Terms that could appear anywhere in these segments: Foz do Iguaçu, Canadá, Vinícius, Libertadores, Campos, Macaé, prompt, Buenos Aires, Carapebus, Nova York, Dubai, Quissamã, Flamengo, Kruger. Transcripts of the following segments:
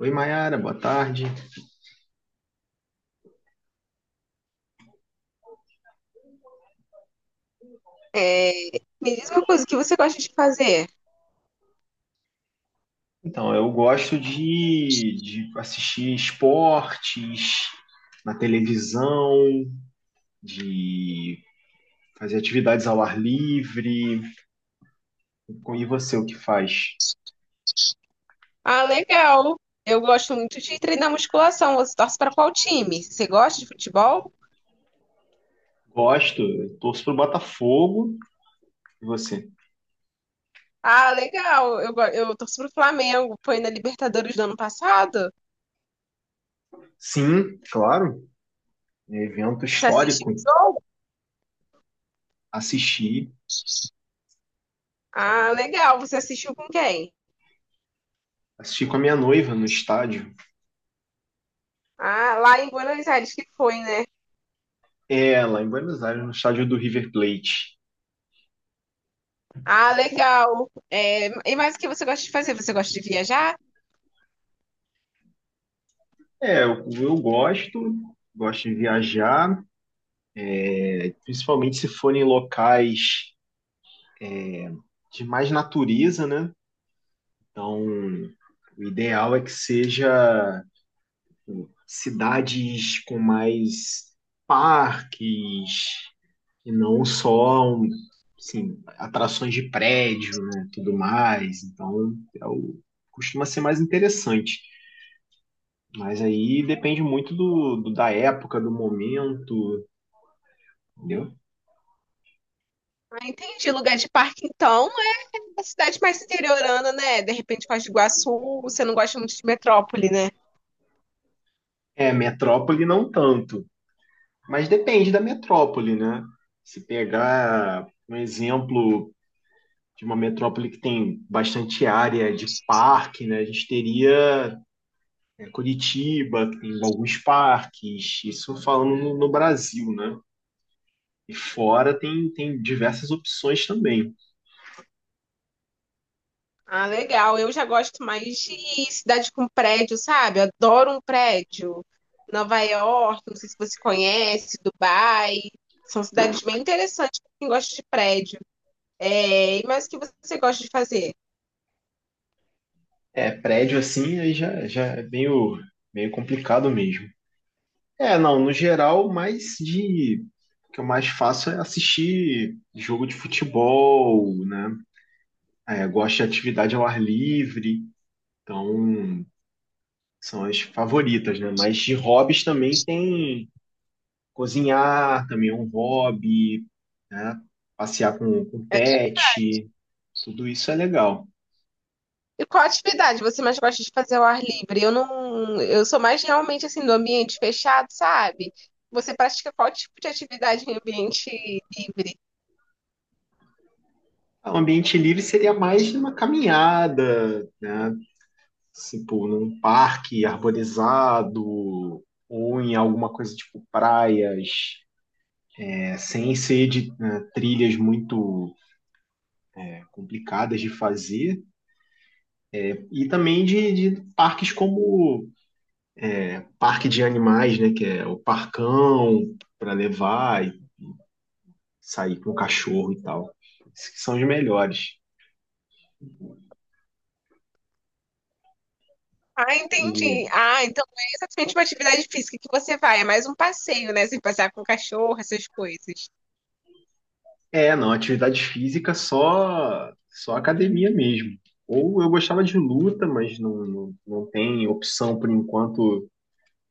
Oi, Mayara, boa tarde. É, me diz uma coisa, o que você gosta de fazer? Então, eu gosto de assistir esportes na televisão, de fazer atividades ao ar livre. E você, o que faz? Ah, legal. Eu gosto muito de treinar musculação. Você torce para qual time? Você gosta de futebol? Gosto, eu torço pro Botafogo. E você? Ah, legal. Eu torço pro Flamengo. Foi na Libertadores do ano passado? Sim, claro, é evento Você assistiu histórico. o jogo? Assisti, Ah, legal. Você assistiu com quem? assisti com a minha noiva no estádio. Ah, lá em Buenos Aires que foi, né? É, lá em Buenos Aires, no estádio do River Plate. Ah, legal. É, e mais o que você gosta de fazer? Você gosta de viajar? É, eu gosto, gosto de viajar, principalmente se forem locais de mais natureza, né? Então, o ideal é que seja tipo cidades com mais parques e não só um, assim, atrações de prédio, né, tudo mais. Então, é o- costuma ser mais interessante. Mas aí depende muito da época, do momento, entendeu? Ah, entendi. Lugar de parque, então. É cidade mais interiorana, né? De repente, Foz do Iguaçu, você não gosta muito de metrópole, né? É, metrópole não tanto. Mas depende da metrópole, né? Se pegar um exemplo de uma metrópole que tem bastante área de parque, né? A gente teria é, Curitiba, que tem alguns parques, isso falando no Brasil, né? E fora tem, tem diversas opções também. Ah, legal. Eu já gosto mais de cidade com prédio, sabe? Adoro um prédio. Nova York, não sei se você conhece, Dubai. São cidades bem interessantes para quem gosta de prédio. É, e mais o que você gosta de fazer? É, prédio assim aí já, já é meio, meio complicado mesmo. É, não, no geral, mais de. O que eu mais faço é assistir jogo de futebol, né? É, gosto de atividade ao ar livre, então são as favoritas, né? Mas de hobbies também tem cozinhar, também é um hobby, né? Passear com pet, tudo isso é legal. E qual atividade você mais gosta de fazer ao ar livre? Eu não, eu sou mais realmente assim do ambiente fechado, sabe? Você pratica qual tipo de atividade em ambiente livre? Ah, um ambiente livre seria mais numa caminhada, né? Tipo, num parque arborizado ou em alguma coisa tipo praias, é, sem ser de, né, trilhas muito é, complicadas de fazer. E também de parques como parque de animais, né? Que é o parcão, para levar e sair com o cachorro e tal. Esses que são os melhores. Ah, E entendi. Ah, então não é exatamente uma atividade física que você vai, é mais um passeio, né? Você passear com o cachorro, essas coisas. é, não, atividade física só academia mesmo. Ou eu gostava de luta, mas não, não, não tem opção por enquanto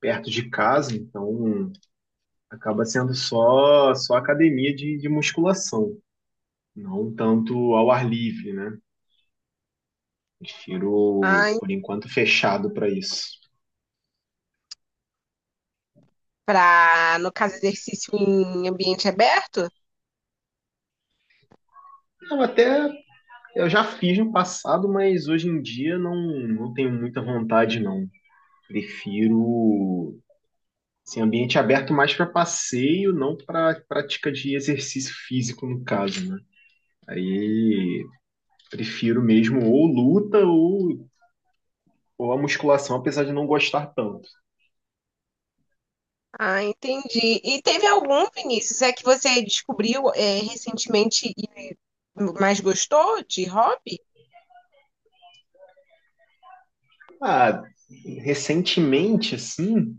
perto de casa, então acaba sendo só academia de musculação, não tanto ao ar livre, né? Ah, Prefiro, en- por enquanto, fechado para isso. pra no caso, exercício em ambiente aberto? Não, até eu já fiz no passado, mas hoje em dia não, não tenho muita vontade, não. Prefiro assim, ambiente aberto mais para passeio, não para prática de exercício físico, no caso, né? Aí prefiro mesmo ou luta ou a musculação, apesar de não gostar tanto. Ah, entendi. E teve algum, Vinícius, é que você descobriu é, recentemente e mais gostou de hobby? Ah, recentemente, assim,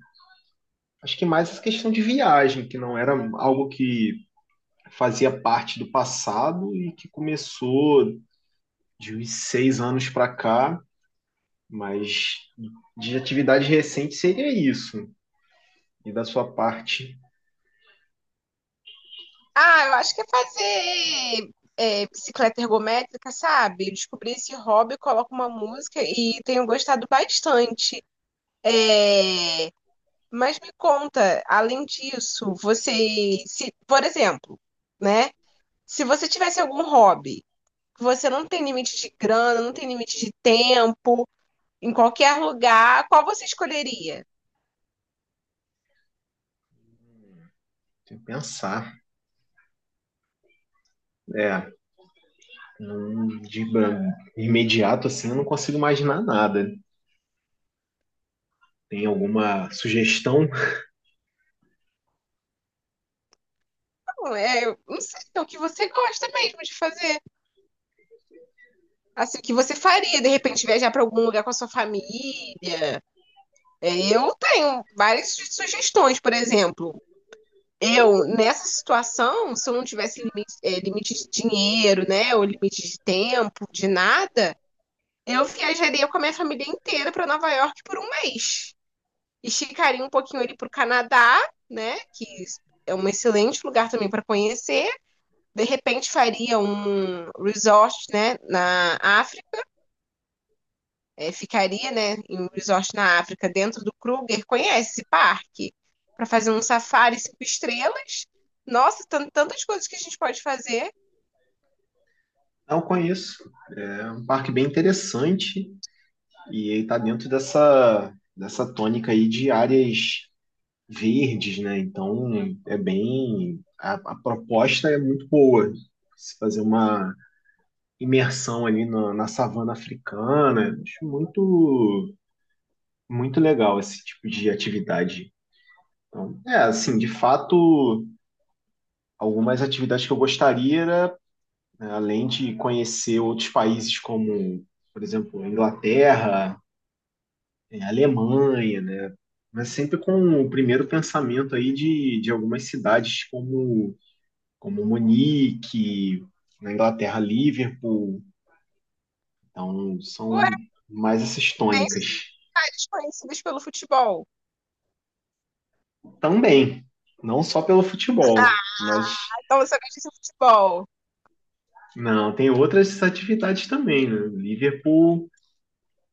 acho que mais essa questão de viagem, que não era algo que fazia parte do passado e que começou de uns 6 anos para cá, mas de atividade recente seria isso. E da sua parte, Ah, eu acho que é fazer é, bicicleta ergométrica, sabe? Eu descobri esse hobby, coloco uma música e tenho gostado bastante. É, mas me conta, além disso, você, se, por exemplo, né? Se você tivesse algum hobby, que você não tem limite de grana, não tem limite de tempo, em qualquer lugar, qual você escolheria? tem que pensar. É, de imediato assim, eu não consigo imaginar nada. Tem alguma sugestão? Não, é, eu não sei, é o que você gosta mesmo de fazer. Assim, o que você faria, de repente, viajar para algum lugar com a sua família. É, eu tenho várias sugestões, por exemplo. Eu, nessa situação, se eu não tivesse limite, limite de dinheiro, né, ou limite de tempo, de nada, eu viajaria com a minha família inteira para Nova York por um mês. Esticaria um pouquinho ali para o Canadá, né, que é um excelente lugar também para conhecer. De repente, faria um resort, né, na África é, ficaria, né, em um resort na África, dentro do Kruger, conhece esse parque? Para fazer um safari cinco estrelas. Nossa, tantas coisas que a gente pode fazer. Não conheço. É um parque bem interessante e ele está dentro dessa tônica aí de áreas verdes, né? Então é bem. A proposta é muito boa. Se fazer uma imersão ali na savana africana, acho muito, muito legal esse tipo de atividade. Então, é, assim, de fato, algumas atividades que eu gostaria era, né, além de conhecer outros países como, por exemplo, a Inglaterra, é, a Alemanha, né? Mas sempre com o primeiro pensamento aí de algumas cidades como Munique, na Inglaterra, Liverpool. Então, são Ué, mais essas bem tônicas. sociedades conhecidas pelo futebol. Também, não só pelo futebol, mas Ah, então você gosta de futebol. não, tem outras atividades também, né? Liverpool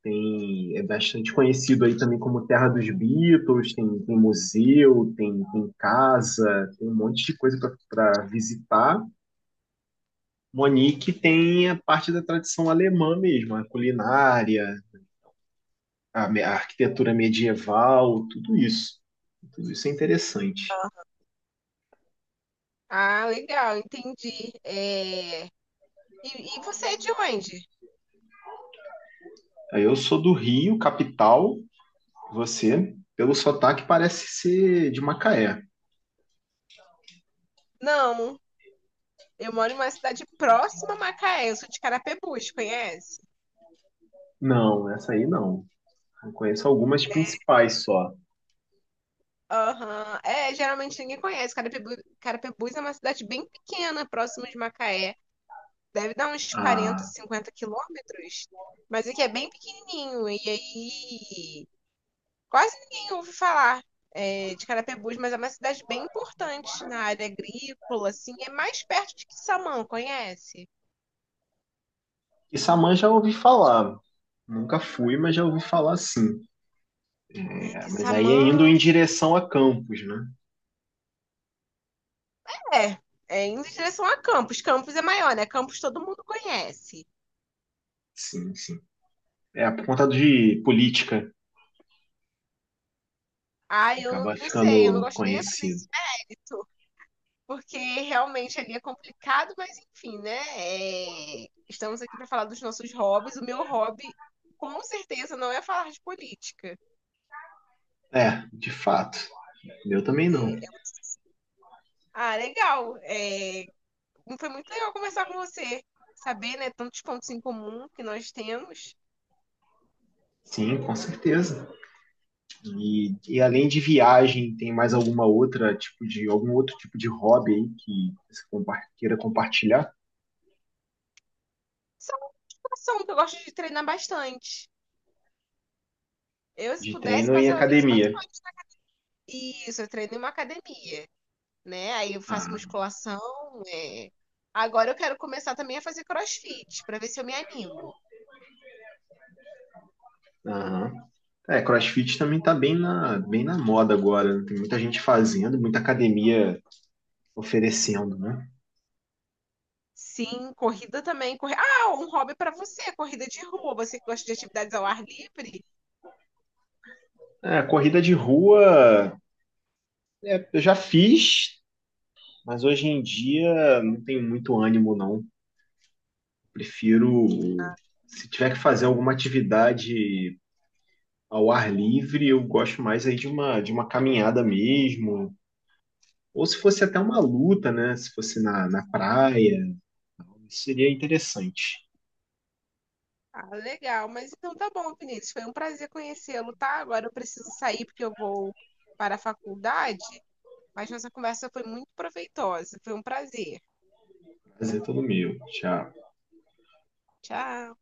tem, é bastante conhecido aí também como terra dos Beatles, tem, tem museu, tem, tem casa, tem um monte de coisa para visitar. Monique tem a parte da tradição alemã mesmo, a culinária, a arquitetura medieval, tudo isso. Tudo isso é interessante. Ah, legal, entendi. É, E, e você é de onde? Aí eu sou do Rio, capital. Você, pelo sotaque, parece ser de Macaé. Não, eu moro em uma cidade próxima a Macaé, eu sou de Carapebus, conhece? Não, essa aí não. Eu conheço algumas principais só. Aham, é, geralmente ninguém conhece. Carapebus é uma cidade bem pequena, próximo de Macaé. Deve dar uns 40 A 50 quilômetros, mas aqui é bem pequenininho. E aí, quase ninguém ouve falar é, de Carapebus, mas é uma cidade bem importante na área agrícola, assim. É mais perto de Quissamã, conhece? Issamã já ouvi falar. Nunca fui, mas já ouvi falar sim. É, É, mas aí Quissamã é indo em direção a Campos, né? é, é indo em direção a Campos. Campos é maior, né? Campos todo mundo conhece. Sim, sim. É por conta de política. Ah, eu não, Acaba não sei, eu não ficando gosto nem de entrar conhecido. nesse porque realmente ali é complicado, mas enfim, né? É, estamos aqui para falar dos nossos hobbies. O meu hobby, com certeza, não é falar de política. É, de fato, eu também não. É um, ah, legal. É, foi muito legal conversar com você, saber, né, tantos pontos em comum que nós temos. Sim, com certeza. E além de viagem, tem mais alguma outra tipo de algum outro tipo de hobby aí que você queira compartilhar? Só natação, que eu gosto de treinar bastante. Eu, se De pudesse, treino em passava 24 academia. horas. Isso, eu treino em uma academia, né? Aí eu faço Ah, musculação, é, agora eu quero começar também a fazer crossfit, para ver se eu me animo. aham. É, CrossFit também tá bem bem na moda agora, né? Tem muita gente fazendo, muita academia oferecendo, né? Sim, corrida também. Ah, um hobby para você, corrida de rua. Você que gosta de atividades ao ar livre? É, corrida de rua, é, eu já fiz, mas hoje em dia não tenho muito ânimo, não. Prefiro, se tiver que fazer alguma atividade ao ar livre, eu gosto mais aí de uma caminhada mesmo, ou se fosse até uma luta, né? Se fosse na praia, seria interessante. Ah, legal. Mas então tá bom, Vinícius. Foi um prazer conhecê-lo, tá? Agora eu preciso sair porque eu vou para a faculdade. Mas nossa conversa foi muito proveitosa. Foi um prazer. Prazer todo meu. Tchau. Tchau.